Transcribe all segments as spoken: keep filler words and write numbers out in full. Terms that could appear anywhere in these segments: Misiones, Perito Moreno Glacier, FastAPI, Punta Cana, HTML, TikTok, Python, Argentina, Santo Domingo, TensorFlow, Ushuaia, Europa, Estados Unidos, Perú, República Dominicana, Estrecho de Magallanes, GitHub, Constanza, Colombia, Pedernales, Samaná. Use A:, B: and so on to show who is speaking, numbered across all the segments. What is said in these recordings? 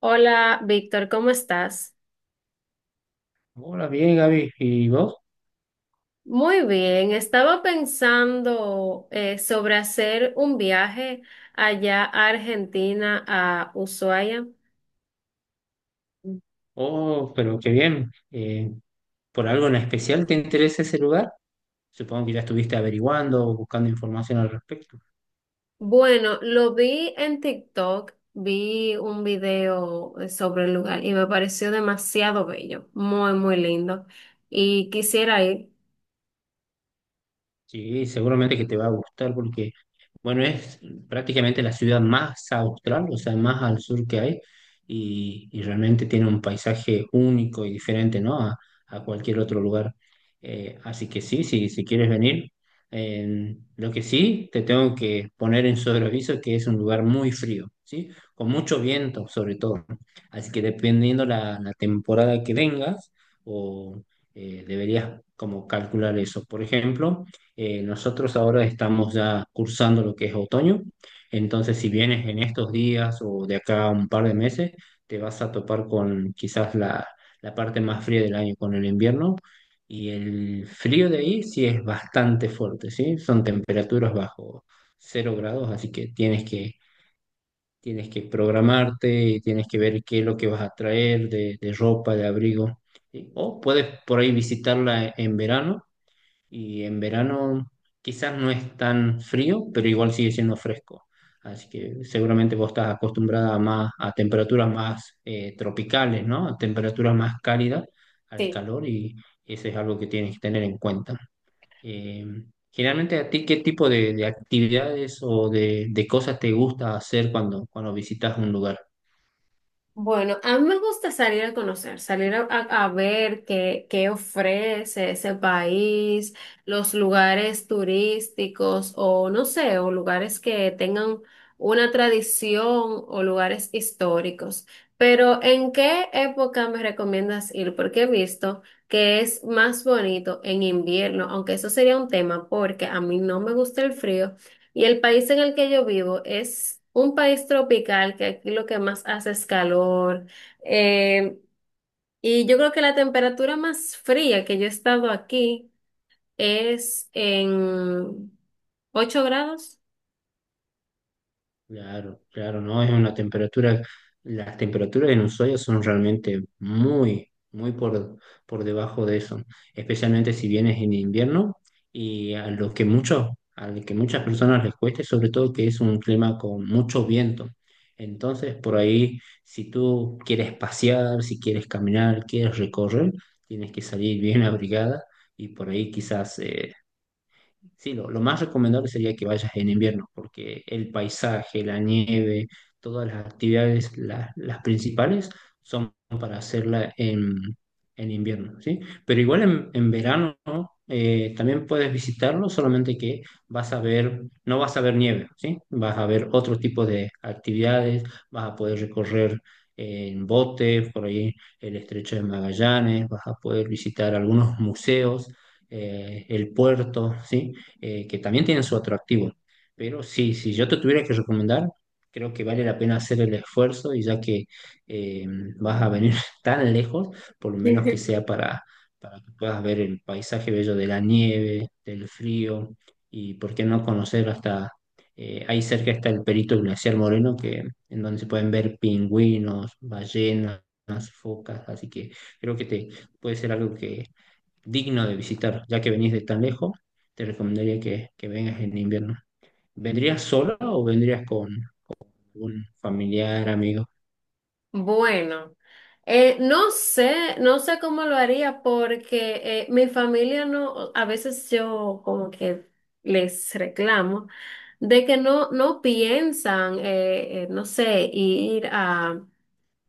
A: Hola, Víctor, ¿cómo estás?
B: Hola, bien, Gaby. ¿Y vos?
A: Muy bien, estaba pensando eh, sobre hacer un viaje allá a Argentina, a Ushuaia.
B: Oh, pero qué bien. Eh, ¿por algo en especial te interesa ese lugar? Supongo que ya estuviste averiguando o buscando información al respecto.
A: Bueno, lo vi en TikTok, vi un video eh, sobre el lugar y me pareció demasiado bello, muy, muy lindo. Y quisiera ir.
B: Sí, seguramente que te va a gustar porque, bueno, es prácticamente la ciudad más austral, o sea, más al sur que hay, y, y realmente tiene un paisaje único y diferente, ¿no? A, a cualquier otro lugar. Eh, así que sí, sí, si quieres venir, eh, lo que sí, te tengo que poner en sobreaviso que es un lugar muy frío, ¿sí? Con mucho viento, sobre todo. Así que dependiendo la, la temporada que vengas, o eh, deberías como calcular eso. Por ejemplo, eh, nosotros ahora estamos ya cursando lo que es otoño, entonces si vienes en estos días o de acá a un par de meses, te vas a topar con quizás la, la parte más fría del año, con el invierno, y el frío de ahí sí es bastante fuerte, ¿sí? Son temperaturas bajo cero grados, así que tienes que, tienes que programarte y tienes que ver qué es lo que vas a traer de, de ropa, de abrigo, ¿sí? O puedes por ahí visitarla en verano y en verano quizás no es tan frío, pero igual sigue siendo fresco. Así que seguramente vos estás acostumbrada a más a temperaturas más eh, tropicales, ¿no? A temperaturas más cálidas al
A: Sí.
B: calor y eso es algo que tienes que tener en cuenta. Eh, generalmente a ti, ¿qué tipo de, de actividades o de, de cosas te gusta hacer cuando, cuando visitas un lugar?
A: Bueno, a mí me gusta salir a conocer, salir a, a- a ver qué, qué ofrece ese país, los lugares turísticos o no sé, o lugares que tengan una tradición o lugares históricos. Pero ¿en qué época me recomiendas ir? Porque he visto que es más bonito en invierno, aunque eso sería un tema porque a mí no me gusta el frío. Y el país en el que yo vivo es un país tropical, que aquí lo que más hace es calor. Eh, y yo creo que la temperatura más fría que yo he estado aquí es en ocho grados.
B: Claro, claro, no, es una temperatura, las temperaturas en Ushuaia son realmente muy, muy por, por debajo de eso, especialmente si vienes en invierno y a lo que muchos, a lo que muchas personas les cueste, sobre todo que es un clima con mucho viento. Entonces, por ahí, si tú quieres pasear, si quieres caminar, quieres recorrer, tienes que salir bien abrigada y por ahí quizás eh, sí, lo, lo más recomendable sería que vayas en invierno, porque el paisaje, la nieve, todas las actividades, la- las principales, son para hacerla en, en invierno, ¿sí? Pero igual en, en verano, ¿no? Eh, también puedes visitarlo, solamente que vas a ver, no vas a ver nieve, ¿sí? Vas a ver otro tipo de actividades, vas a poder recorrer en bote, por ahí el Estrecho de Magallanes, vas a poder visitar algunos museos eh, el puerto, ¿sí? eh, que también tienen su atractivo. Pero sí, si yo te tuviera que recomendar, creo que vale la pena hacer el esfuerzo y ya que eh, vas a venir tan lejos, por lo menos que sea para, para que puedas ver el paisaje bello de la nieve, del frío y por qué no conocer hasta eh, ahí cerca está el Perito Glaciar Moreno, que, en donde se pueden ver pingüinos, ballenas, focas, así que creo que te, puede ser algo que digno de visitar, ya que venís de tan lejos te recomendaría que, que vengas en invierno. ¿Vendrías sola o vendrías con algún familiar, amigo?
A: Bueno, eh, no sé, no sé cómo lo haría porque eh, mi familia no, a veces yo como que les reclamo de que no, no piensan, eh, eh, no sé, ir a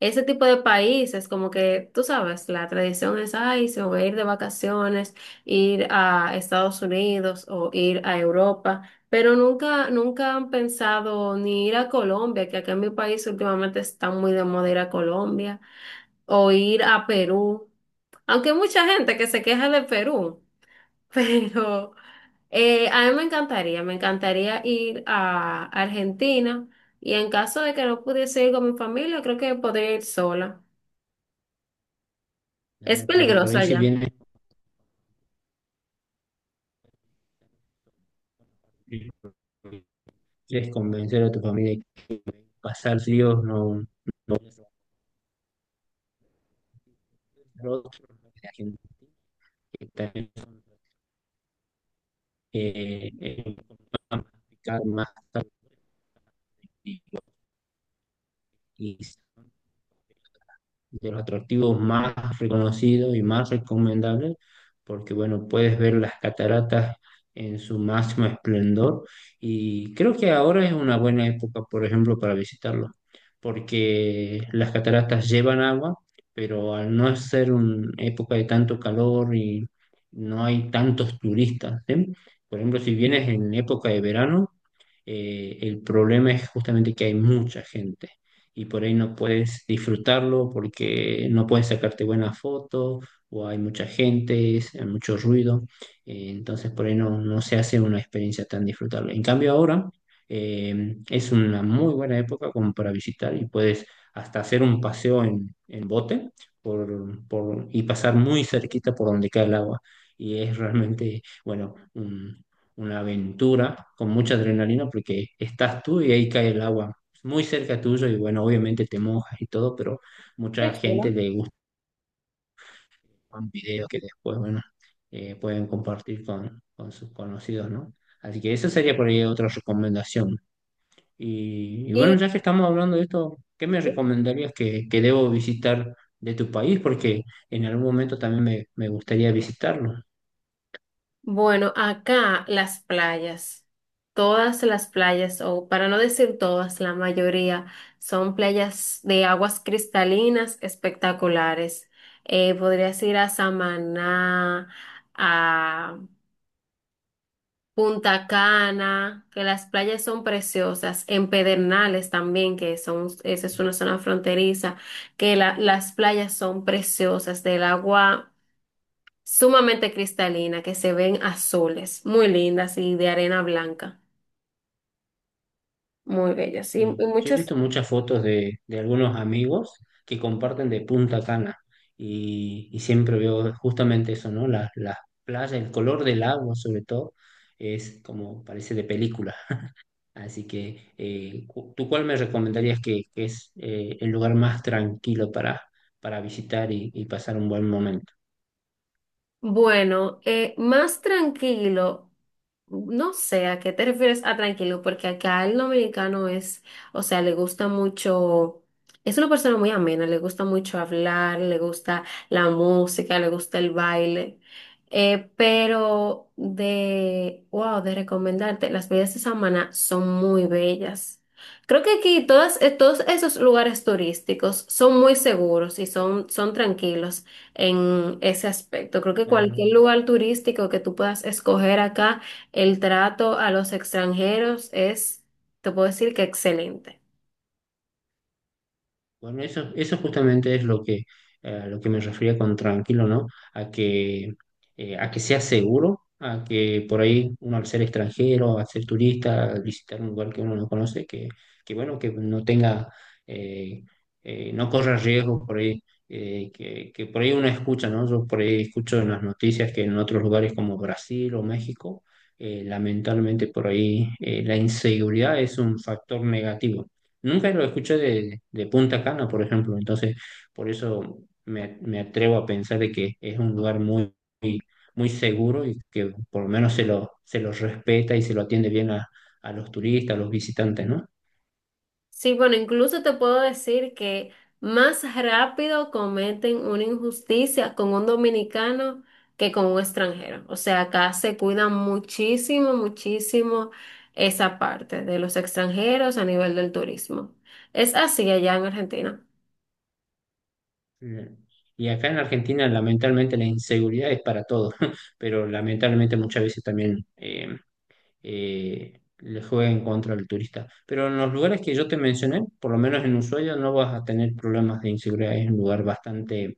A: ese tipo de países, como que tú sabes, la tradición es, ay, se van a ir de vacaciones, ir a Estados Unidos o ir a Europa, pero nunca, nunca han pensado ni ir a Colombia, que acá en mi país últimamente está muy de moda ir a Colombia, o ir a Perú, aunque hay mucha gente que se queja de Perú, pero eh, a mí me encantaría, me encantaría ir a Argentina, y en caso de que no pudiese ir con mi familia, creo que podría ir sola. Es
B: Claro, porque por
A: peligroso
B: ahí si
A: allá.
B: vienes, quieres convencer a tu familia que pasar frío no, no no- la gente que también eh, eh, complicadas más tarde y de los atractivos más reconocidos y más recomendables, porque bueno, puedes ver las cataratas en su máximo esplendor y creo que ahora es una buena época, por ejemplo, para visitarlo, porque las cataratas llevan agua, pero al no ser una época de tanto calor y no hay tantos turistas, ¿sí? Por ejemplo, si vienes en época de verano, eh, el problema es justamente que hay mucha gente y por ahí no puedes disfrutarlo porque no puedes sacarte buenas fotos o hay mucha gente, es- hay mucho ruido, eh, entonces por ahí no, no se hace una experiencia tan disfrutable. En cambio ahora eh, es una muy buena época como para visitar y puedes hasta hacer un paseo en, en bote por, por- y pasar muy cerquita por donde cae el agua. Y es realmente, bueno, un- una aventura con mucha adrenalina porque estás tú y ahí cae el agua muy cerca tuyo y bueno, obviamente te mojas y todo, pero
A: Qué
B: mucha gente
A: chulo.
B: le gusta un video que después, bueno, eh, pueden compartir con, con sus conocidos, ¿no? Así que esa sería por ahí otra recomendación. Y, y bueno,
A: Y
B: ya que estamos hablando de esto, ¿qué me recomendarías que, que debo visitar de tu país? Porque en algún momento también me, me gustaría visitarlo.
A: bueno, acá las playas, todas las playas, o para no decir todas, la mayoría son playas de aguas cristalinas espectaculares. Eh, podrías ir a Samaná, a Punta Cana, que las playas son preciosas, en Pedernales también, que son, esa es una zona fronteriza, que la- las playas son preciosas, del agua sumamente cristalina, que se ven azules, muy lindas y de arena blanca, muy bellas. Y, y
B: Y yo he
A: muchos,
B: visto muchas fotos de, de algunos amigos que comparten de Punta Cana y, y siempre veo justamente eso, ¿no? La, la playa, el color del agua sobre todo, es como parece de película. Así que, eh, cu- ¿tú cuál me recomendarías que, que es eh, el lugar más tranquilo para, para visitar y, y pasar un buen momento?
A: bueno, eh, más tranquilo, no sé a qué te refieres a tranquilo, porque acá el dominicano es, o sea, le gusta mucho, es una persona muy amena, le gusta mucho hablar, le gusta la música, le gusta el baile, eh, pero de, wow, de recomendarte, las playas de Samaná son muy bellas. Creo que aquí todas, eh, todos esos lugares turísticos son muy seguros y son, son tranquilos en ese aspecto. Creo que cualquier
B: Claro.
A: lugar turístico que tú puedas escoger acá, el trato a los extranjeros es, te puedo decir que excelente.
B: Bueno, eso, eso justamente es lo que, eh, lo que me refería con tranquilo, ¿no? A que, eh, a que sea seguro, a que por ahí uno al ser extranjero, al ser turista, al visitar un lugar que uno no conoce, que, que bueno, que no tenga, eh, eh, no corra riesgos por ahí, eh, que, que por ahí uno escucha, ¿no? Yo por ahí escucho en las noticias que en otros lugares como Brasil o México, eh, lamentablemente por ahí eh, la inseguridad es un factor negativo. Nunca lo escuché de, de Punta Cana, por ejemplo, entonces por eso me, me atrevo a pensar de que es un lugar muy, muy, muy seguro y que por lo menos se lo, se lo respeta y se lo atiende bien a, a los turistas, a los visitantes, ¿no?
A: Sí, bueno, incluso te puedo decir que más rápido cometen una injusticia con un dominicano que con un extranjero. O sea, acá se cuida muchísimo, muchísimo esa parte de los extranjeros a nivel del turismo. Es así allá en Argentina.
B: Eh, y acá en Argentina, lamentablemente, la inseguridad es para todos, pero lamentablemente muchas veces también eh, eh, le jueguen contra el turista. Pero en los lugares que yo te mencioné, por lo menos en Ushuaia, no vas a tener problemas de inseguridad. Es un lugar bastante,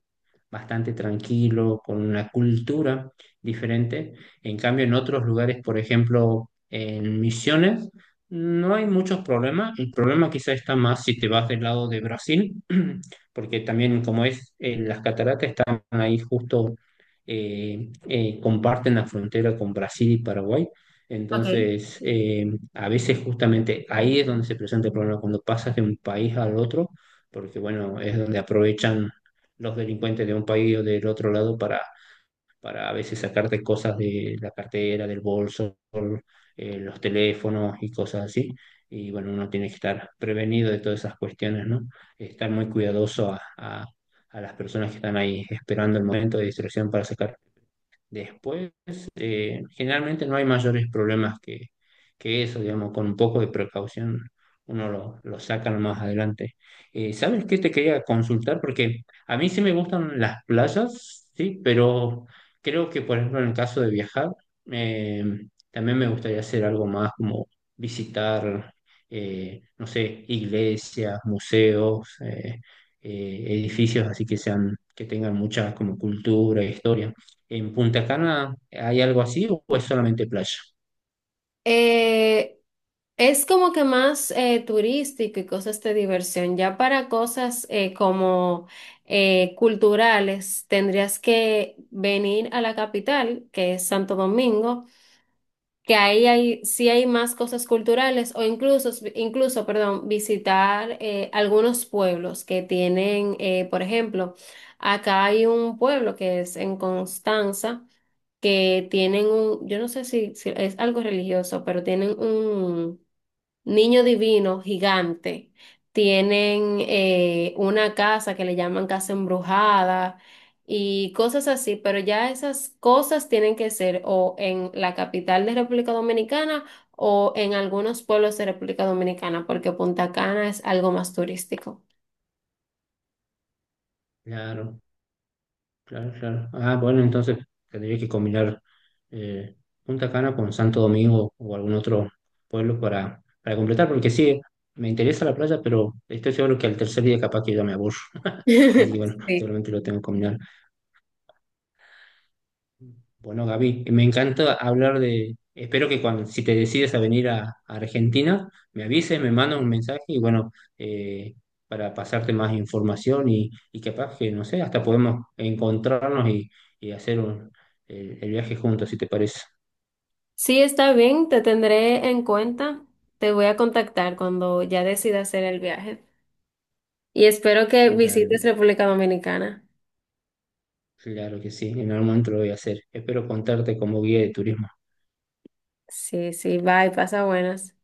B: bastante tranquilo, con una cultura diferente. En cambio, en otros lugares, por ejemplo, en Misiones, no hay muchos problemas. El problema quizá está más si te vas del lado de Brasil, porque también como es, eh, las cataratas están ahí justo, eh, eh, comparten la frontera con Brasil y Paraguay.
A: Ok.
B: Entonces, eh, a veces justamente ahí es donde se presenta el problema, cuando pasas de un país al otro, porque bueno, es donde aprovechan los delincuentes de un país o del otro lado para, para a veces sacarte cosas de la cartera, del bolso, eh, los teléfonos y cosas así. Y bueno, uno tiene que estar prevenido de todas esas cuestiones, ¿no? Estar muy cuidadoso a, a a las personas que están ahí esperando el momento de distracción para sacar. Después, eh, generalmente no hay mayores problemas que, que eso, digamos, con un poco de precaución uno lo, lo saca más adelante. Eh, ¿sabes qué te quería consultar? Porque a mí sí me gustan las playas, sí, pero creo que, por ejemplo, en el caso de viajar, eh, también me gustaría hacer algo más como visitar, eh, no sé, iglesias, museos, eh, eh, edificios así que sean, que tengan mucha como cultura, historia. ¿En Punta Cana hay algo así o es solamente playa?
A: Eh, es como que más eh, turístico y cosas de diversión. Ya para cosas eh, como eh, culturales, tendrías que venir a la capital, que es Santo Domingo, que ahí hay, sí hay más cosas culturales o incluso, incluso, perdón, visitar eh, algunos pueblos que tienen, eh, por ejemplo, acá hay un pueblo que es en Constanza que tienen un, yo no sé si, si es algo religioso, pero tienen un niño divino gigante. Tienen eh, una casa que le llaman casa embrujada y cosas así, pero ya esas cosas tienen que ser o en la capital de República Dominicana o en algunos pueblos de República Dominicana, porque Punta Cana es algo más turístico.
B: Claro, claro, claro. Ah, bueno, entonces tendría que combinar eh, Punta Cana con Santo Domingo o algún otro pueblo para, para completar, porque sí, me interesa la playa, pero estoy seguro que al tercer día capaz que ya me aburro. Así que bueno,
A: Sí.
B: seguramente lo tengo que combinar. Bueno, Gaby, me encanta hablar de... Espero que cuando, si te decides a venir a, a Argentina, me avises, me mandas un mensaje y bueno, eh, para pasarte más información y, y capaz que, no sé, hasta podemos encontrarnos y, y hacer un- el, el viaje juntos, si te parece.
A: Sí, está bien, te tendré en cuenta. Te voy a contactar cuando ya decida hacer el viaje. Y espero que visites
B: Dale,
A: República Dominicana.
B: claro que sí, en algún momento lo voy a hacer. Espero contarte como guía de turismo.
A: Sí, sí, bye, pasa buenas.